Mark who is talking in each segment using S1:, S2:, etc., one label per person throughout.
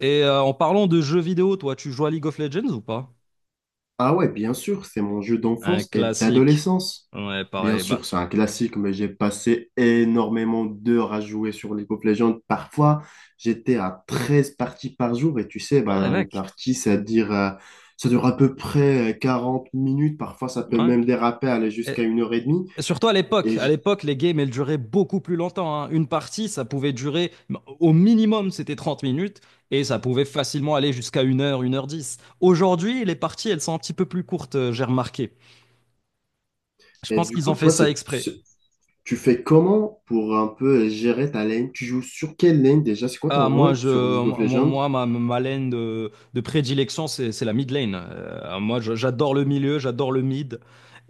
S1: Et en parlant de jeux vidéo, toi, tu joues à League of Legends ou pas?
S2: Ah ouais, bien sûr, c'est mon jeu
S1: Un
S2: d'enfance et
S1: classique.
S2: d'adolescence.
S1: Ouais,
S2: Bien
S1: pareil. Bah,
S2: sûr, c'est un classique, mais j'ai passé énormément d'heures à jouer sur League of Legends. Parfois, j'étais à 13 parties par jour et tu sais,
S1: ouais,
S2: bah, une
S1: mec.
S2: partie, ça dure à peu près 40 minutes. Parfois, ça peut
S1: Ouais.
S2: même déraper, aller
S1: Et,
S2: jusqu'à une heure et demie.
S1: et surtout à l'époque.
S2: Et,
S1: À
S2: j-
S1: l'époque, les games, elles duraient beaucoup plus longtemps, hein. Une partie, ça pouvait durer, au minimum, c'était 30 minutes. Et ça pouvait facilement aller jusqu'à 1 heure, 1 heure 10. Aujourd'hui, les parties, elles sont un petit peu plus courtes, j'ai remarqué. Je
S2: et
S1: pense
S2: du
S1: qu'ils ont
S2: coup,
S1: fait
S2: toi,
S1: ça exprès.
S2: tu fais comment pour un peu gérer ta lane? Tu joues sur quelle lane déjà? C'est quoi ton
S1: Ah, moi,
S2: rôle
S1: je,
S2: sur League of
S1: mo-
S2: Legends?
S1: moi ma lane de prédilection, c'est la mid lane. Moi, j'adore le milieu, j'adore le mid.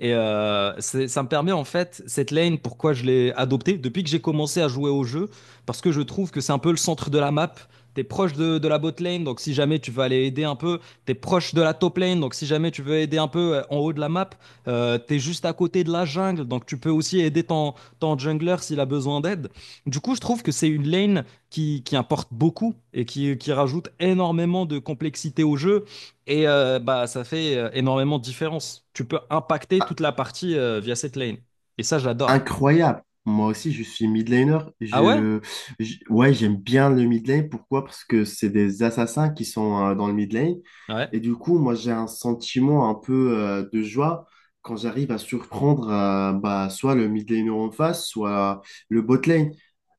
S1: Et ça me permet, en fait, cette lane, pourquoi je l'ai adoptée depuis que j'ai commencé à jouer au jeu, parce que je trouve que c'est un peu le centre de la map. T'es proche de la bot lane, donc si jamais tu veux aller aider un peu, t'es proche de la top lane, donc si jamais tu veux aider un peu en haut de la map, t'es juste à côté de la jungle, donc tu peux aussi aider ton jungler s'il a besoin d'aide. Du coup, je trouve que c'est une lane qui importe beaucoup et qui rajoute énormément de complexité au jeu. Et bah, ça fait énormément de différence. Tu peux impacter toute la partie via cette lane. Et ça, j'adore.
S2: Incroyable. Moi aussi, je suis mid laner.
S1: Ah ouais?
S2: Ouais, j'aime bien le mid lane. Pourquoi? Parce que c'est des assassins qui sont dans le mid lane.
S1: Ouais,
S2: Et du coup, moi, j'ai un sentiment un peu de joie quand j'arrive à surprendre bah, soit le mid laner en face, soit le bot lane.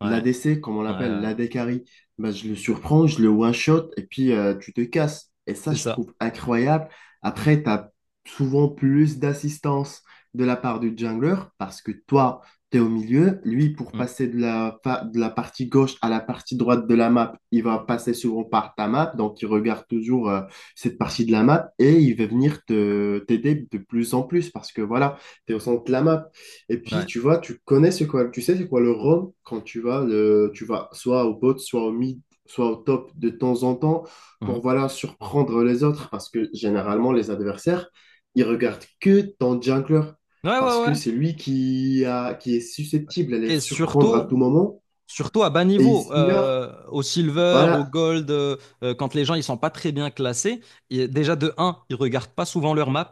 S1: ouais,
S2: L'ADC, comme on
S1: ouais, ouais,
S2: l'appelle,
S1: ouais.
S2: l'AD carry. Bah, je le surprends, je le one-shot et puis tu te casses. Et ça,
S1: C'est
S2: je
S1: ça.
S2: trouve incroyable. Après, tu as souvent plus d'assistance de la part du jungler parce que toi, tu es au milieu. Lui, pour
S1: Mm.
S2: passer de la partie gauche à la partie droite de la map, il va passer souvent par ta map. Donc, il regarde toujours cette partie de la map et il va venir t'aider de plus en plus parce que voilà, tu es au centre de la map. Et puis,
S1: Ouais.
S2: tu vois, tu connais ce quoi, tu sais c'est quoi le roam quand tu vas soit au bot, soit au mid, soit au top de temps en temps pour
S1: Mhm.
S2: voilà, surprendre les autres parce que généralement, les adversaires, ils regardent que ton jungler
S1: Ouais,
S2: parce
S1: ouais,
S2: que
S1: ouais.
S2: c'est lui qui est susceptible à les
S1: Et
S2: surprendre à
S1: surtout,
S2: tout moment
S1: surtout à bas
S2: et
S1: niveau,
S2: ils ignorent.
S1: au silver, au
S2: Voilà.
S1: gold, quand les gens ils sont pas très bien classés, et déjà de un ils regardent pas souvent leur map.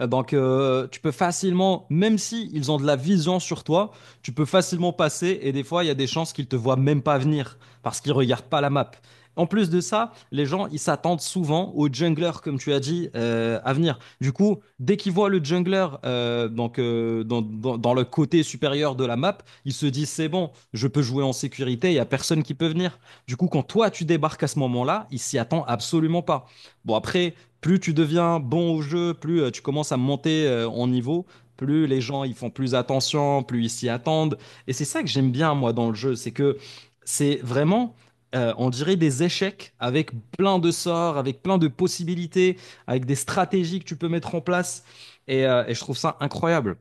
S1: Donc tu peux facilement, même si ils ont de la vision sur toi, tu peux facilement passer et des fois il y a des chances qu'ils te voient même pas venir parce qu'ils regardent pas la map. En plus de ça, les gens ils s'attendent souvent aux junglers comme tu as dit à venir. Du coup, dès qu'ils voient le jungler dans le côté supérieur de la map, ils se disent, c'est bon, je peux jouer en sécurité, il n'y a personne qui peut venir. Du coup, quand toi, tu débarques à ce moment-là, il s'y attend absolument pas. Bon, après, plus tu deviens bon au jeu, plus tu commences à monter en niveau, plus les gens ils font plus attention, plus ils s'y attendent. Et c'est ça que j'aime bien, moi, dans le jeu, c'est que c'est vraiment, on dirait des échecs avec plein de sorts, avec plein de possibilités, avec des stratégies que tu peux mettre en place. Et je trouve ça incroyable.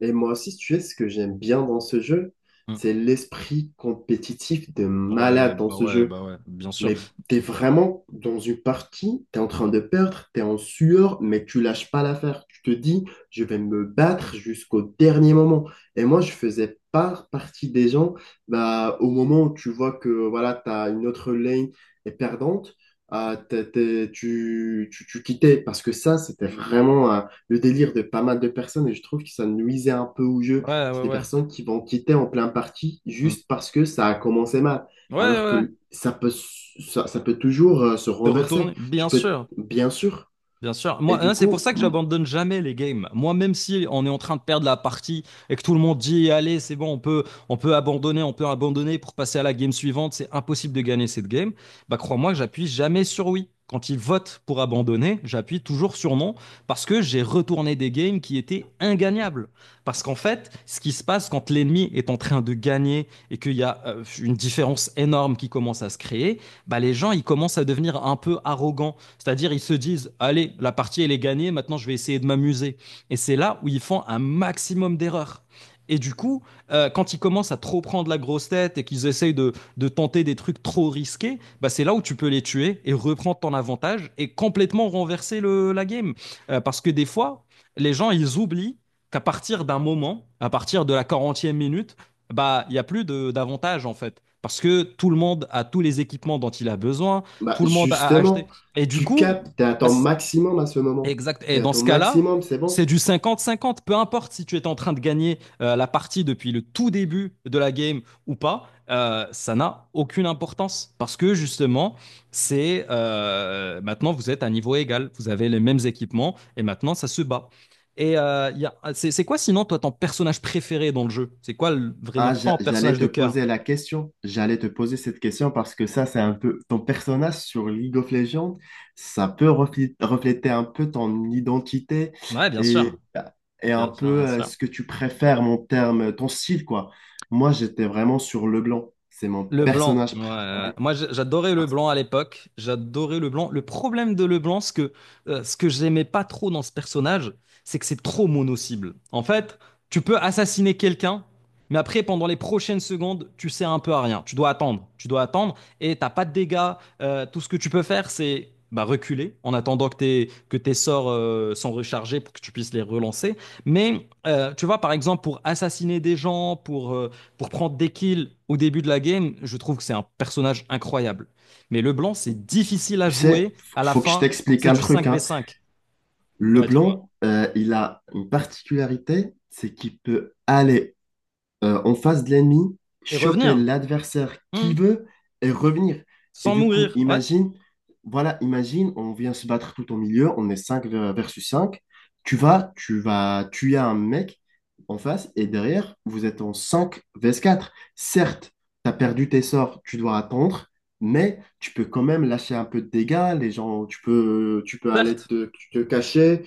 S2: Et moi aussi, si tu sais, ce que j'aime bien dans ce jeu,
S1: Mm.
S2: c'est l'esprit compétitif de
S1: Ouais,
S2: malade dans
S1: bah
S2: ce
S1: ouais,
S2: jeu.
S1: bah ouais, bien sûr.
S2: Mais t'es vraiment dans une partie, t'es en train de perdre, t'es en sueur, mais tu lâches pas l'affaire. Tu te dis, je vais me battre jusqu'au dernier moment. Et moi, je faisais pas partie des gens, bah, au moment où tu vois que voilà, t'as une autre lane est perdante, ah, tu quittais. Parce que ça, c'était vraiment le délire de pas mal de personnes et je trouve que ça nuisait un peu au jeu.
S1: Ouais,
S2: C'est
S1: ouais,
S2: des
S1: ouais.
S2: personnes qui vont quitter en plein parti
S1: Mm.
S2: juste parce que ça a commencé mal.
S1: Ouais, ouais,
S2: Alors
S1: ouais.
S2: que ça peut toujours se
S1: Te
S2: renverser.
S1: retourne,
S2: Tu
S1: bien
S2: peux,
S1: sûr.
S2: bien sûr.
S1: Bien sûr.
S2: Et
S1: Moi,
S2: du
S1: hein, c'est pour
S2: coup,
S1: ça que j'abandonne jamais les games. Moi, même si on est en train de perdre la partie et que tout le monde dit, allez, c'est bon, on peut abandonner pour passer à la game suivante, c'est impossible de gagner cette game. Bah, crois-moi que j'appuie jamais sur oui. Quand ils votent pour abandonner, j'appuie toujours sur non parce que j'ai retourné des games qui étaient ingagnables. Parce qu'en fait, ce qui se passe quand l'ennemi est en train de gagner et qu'il y a une différence énorme qui commence à se créer, bah, les gens, ils commencent à devenir un peu arrogants, c'est-à-dire, ils se disent, allez, la partie, elle est gagnée, maintenant, je vais essayer de m'amuser. Et c'est là où ils font un maximum d'erreurs. Et du coup, quand ils commencent à trop prendre la grosse tête et qu'ils essayent de tenter des trucs trop risqués, bah c'est là où tu peux les tuer et reprendre ton avantage et complètement renverser la game. Parce que des fois, les gens, ils oublient qu'à partir d'un moment, à partir de la 40e minute, bah il n'y a plus d'avantage, en fait. Parce que tout le monde a tous les équipements dont il a besoin,
S2: bah,
S1: tout le monde a acheté.
S2: justement,
S1: Et du
S2: tu
S1: coup,
S2: captes, tu es à
S1: bah,
S2: ton maximum à ce moment.
S1: exact.
S2: Tu
S1: Et
S2: es à
S1: dans
S2: ton
S1: ce cas-là,
S2: maximum, c'est
S1: c'est
S2: bon.
S1: du 50-50. Peu importe si tu es en train de gagner la partie depuis le tout début de la game ou pas, ça n'a aucune importance. Parce que justement, c'est maintenant vous êtes à niveau égal. Vous avez les mêmes équipements et maintenant ça se bat. Et il y a- c'est quoi sinon toi ton personnage préféré dans le jeu? C'est quoi vraiment
S2: Ah,
S1: ton
S2: j'allais
S1: personnage
S2: te
S1: de cœur?
S2: poser la question. J'allais te poser cette question parce que ça, c'est un peu ton personnage sur League of Legends, ça peut refléter un peu ton identité
S1: Ouais, bien sûr.
S2: et, et un
S1: Bien sûr, bien
S2: peu
S1: sûr.
S2: ce que tu préfères, mon terme, ton style, quoi. Moi, j'étais vraiment sur Leblanc. C'est mon
S1: Le blanc,
S2: personnage
S1: ouais, ouais.
S2: préféré.
S1: Moi j'adorais le
S2: Parce que,
S1: blanc à l'époque, j'adorais le blanc. Le problème de le blanc, ce que j'aimais pas trop dans ce personnage, c'est que c'est trop mono-cible. En fait, tu peux assassiner quelqu'un, mais après, pendant les prochaines secondes, tu sers un peu à rien. Tu dois attendre et t'as pas de dégâts. Tout ce que tu peux faire, c'est bah, reculer en attendant que tes sorts sont rechargés pour que tu puisses les relancer. Mais tu vois, par exemple, pour assassiner des gens, pour prendre des kills au début de la game, je trouve que c'est un personnage incroyable. Mais Leblanc, c'est difficile à
S2: tu sais,
S1: jouer à la
S2: faut que je
S1: fin quand
S2: t'explique
S1: c'est
S2: un
S1: du
S2: truc,
S1: cinq v
S2: hein.
S1: cinq, Ouais, dis-moi.
S2: Leblanc, il a une particularité, c'est qu'il peut aller en face de l'ennemi,
S1: Et
S2: choper
S1: revenir,
S2: l'adversaire qui
S1: hmm,
S2: veut et revenir. Et
S1: sans
S2: du coup,
S1: mourir, ouais,
S2: imagine, voilà, imagine, on vient se battre tout au milieu, on est 5 versus cinq. Tu vas tuer un mec en face et derrière, vous êtes en 5 vs quatre. Certes, tu as perdu tes sorts, tu dois attendre. Mais tu peux quand même lâcher un peu de dégâts, les gens, tu peux aller
S1: certes,
S2: te cacher.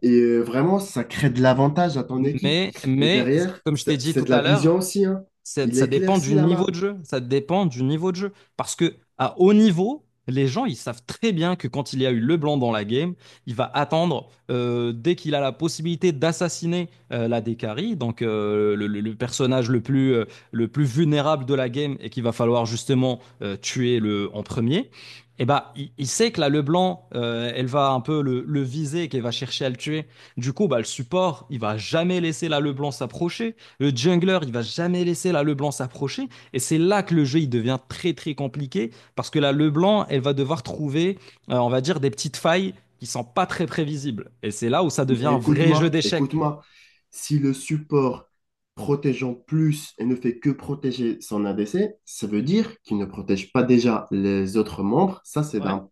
S2: Et vraiment, ça crée de l'avantage à ton équipe.
S1: Mais,
S2: Et
S1: mais
S2: derrière,
S1: comme je t'ai
S2: c'est
S1: dit
S2: c'est
S1: tout
S2: de la
S1: à
S2: vision
S1: l'heure,
S2: aussi, hein. Il
S1: Ça dépend du
S2: éclaircit la
S1: niveau de
S2: map.
S1: jeu. Ça dépend du niveau de jeu. Parce que à haut niveau, les gens, ils savent très bien que quand il y a eu LeBlanc dans la game, il va attendre dès qu'il a la possibilité d'assassiner la Dekari, donc le personnage le plus le plus vulnérable de la game et qu'il va falloir justement tuer le, en premier. Et bah, il sait que la LeBlanc, elle va un peu le viser, qu'elle va chercher à le tuer. Du coup, bah, le support, il va jamais laisser la LeBlanc s'approcher. Le jungler, il va jamais laisser la LeBlanc s'approcher. Et c'est là que le jeu, il devient très, très compliqué. Parce que la LeBlanc, elle va devoir trouver, on va dire, des petites failles qui sont pas très prévisibles. Et c'est là où ça devient
S2: Mais
S1: un vrai jeu
S2: écoute-moi,
S1: d'échecs.
S2: écoute-moi. Si le support protège en plus et ne fait que protéger son ADC, ça veut dire qu'il ne protège pas déjà les autres membres. Ça, c'est
S1: Ouais.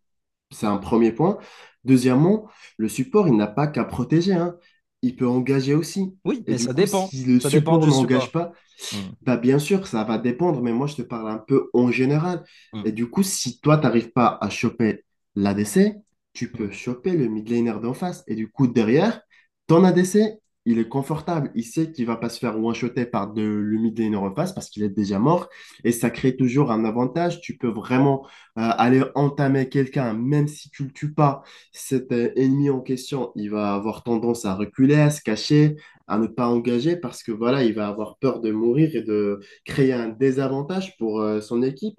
S2: c'est un premier point. Deuxièmement, le support, il n'a pas qu'à protéger, hein. Il peut engager aussi.
S1: Oui,
S2: Et
S1: mais
S2: du
S1: ça
S2: coup,
S1: dépend.
S2: si le
S1: Ça dépend
S2: support
S1: du
S2: n'engage
S1: support.
S2: pas,
S1: Hmm.
S2: bah, bien sûr, ça va dépendre, mais moi, je te parle un peu en général. Et du coup, si toi, t'arrives pas à choper l'ADC, tu peux choper le mid laner d'en face. Et du coup, derrière, ton ADC, il est confortable. Il sait qu'il va pas se faire one-shotter par le mid laner en face parce qu'il est déjà mort. Et ça crée toujours un avantage. Tu peux vraiment aller entamer quelqu'un, même si tu le tues pas. Cet ennemi en question, il va avoir tendance à reculer, à se cacher à ne pas engager parce que voilà, il va avoir peur de mourir et de créer un désavantage pour son équipe.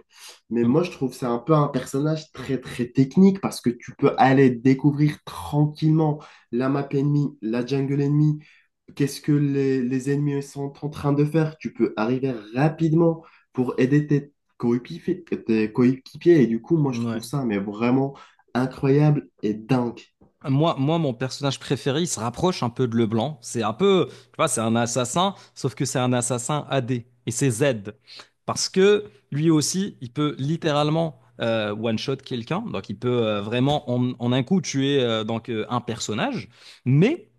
S2: Mais
S1: Hmm.
S2: moi, je trouve c'est un peu un personnage très très technique parce que tu peux aller découvrir tranquillement la map ennemie, la jungle ennemie, qu'est-ce que les ennemis sont en train de faire. Tu peux arriver rapidement pour aider tes coéquipiers. Et du coup, moi, je
S1: Ouais.
S2: trouve ça mais vraiment incroyable et dingue.
S1: Moi, mon personnage préféré, il se rapproche un peu de Leblanc. C'est un peu, tu vois, c'est un assassin, sauf que c'est un assassin AD. Et c'est Z. Parce que lui aussi, il peut littéralement one-shot quelqu'un. Donc, il peut vraiment, en un coup, tuer un personnage. Mais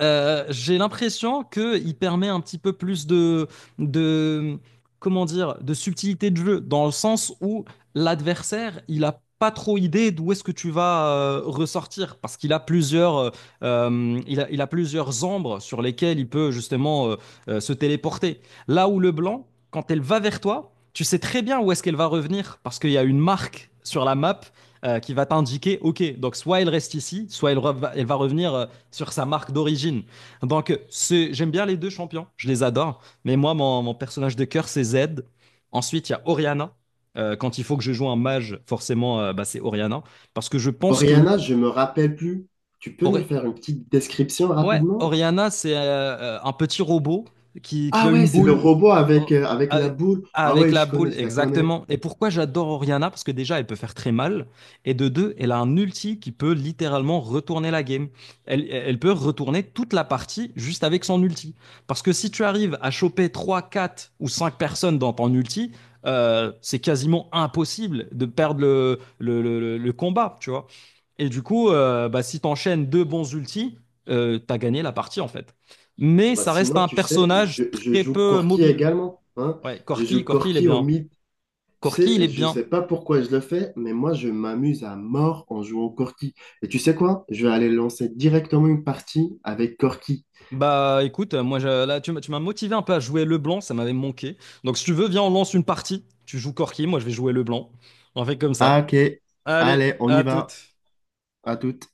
S1: j'ai l'impression qu'il permet un petit peu plus de, comment dire, de subtilité de jeu, dans le sens où l'adversaire, il a pas trop idée d'où est-ce que tu vas ressortir, parce qu'il a plusieurs, il a plusieurs ombres sur lesquelles il peut justement se téléporter. Là où le blanc, quand elle va vers toi, tu sais très bien où est-ce qu'elle va revenir, parce qu'il y a une marque sur la map qui va t'indiquer, ok, donc soit elle reste ici, soit elle va revenir sur sa marque d'origine. Donc, j'aime bien les deux champions, je les adore. Mais moi, mon personnage de cœur, c'est Zed. Ensuite, il y a Orianna. Quand il faut que je joue un mage, forcément, bah, c'est Orianna. Parce que je pense que.
S2: Oriana, je me rappelle plus. Tu peux me faire une petite description
S1: Ouais,
S2: rapidement?
S1: Oriana, c'est un petit robot qui
S2: Ah
S1: a
S2: ouais,
S1: une
S2: c'est le
S1: boule.
S2: robot avec,
S1: Oh,
S2: euh, avec la
S1: Avec,
S2: boule. Ah
S1: avec
S2: ouais,
S1: la
S2: je connais,
S1: boule,
S2: je la connais.
S1: exactement. Et pourquoi j'adore Oriana? Parce que déjà, elle peut faire très mal. Et de deux, elle a un ulti qui peut littéralement retourner la game. Elle peut retourner toute la partie juste avec son ulti. Parce que si tu arrives à choper 3, 4 ou 5 personnes dans ton ulti, c'est quasiment impossible de perdre le combat, tu vois. Et du coup, bah, si tu enchaînes deux bons ultis, t'as gagné la partie, en fait. Mais
S2: Bah,
S1: ça reste
S2: sinon,
S1: un
S2: tu sais,
S1: personnage
S2: je
S1: très
S2: joue
S1: peu
S2: Corki
S1: mobile.
S2: également. Hein?
S1: Ouais,
S2: Je
S1: Corky,
S2: joue
S1: Corky, il est
S2: Corki au
S1: bien.
S2: mythe. Tu
S1: Corky, il
S2: sais,
S1: est
S2: je
S1: bien.
S2: sais pas pourquoi je le fais, mais moi, je m'amuse à mort en jouant au Corki. Et tu sais quoi? Je vais aller lancer directement une partie avec Corki.
S1: Bah écoute, moi là tu m'as motivé un peu à jouer Leblanc, ça m'avait manqué. Donc si tu veux, viens, on lance une partie. Tu joues Corky, moi je vais jouer Leblanc. On fait comme
S2: Ah,
S1: ça.
S2: ok.
S1: Allez,
S2: Allez, on y
S1: à
S2: va.
S1: toutes.
S2: À toute.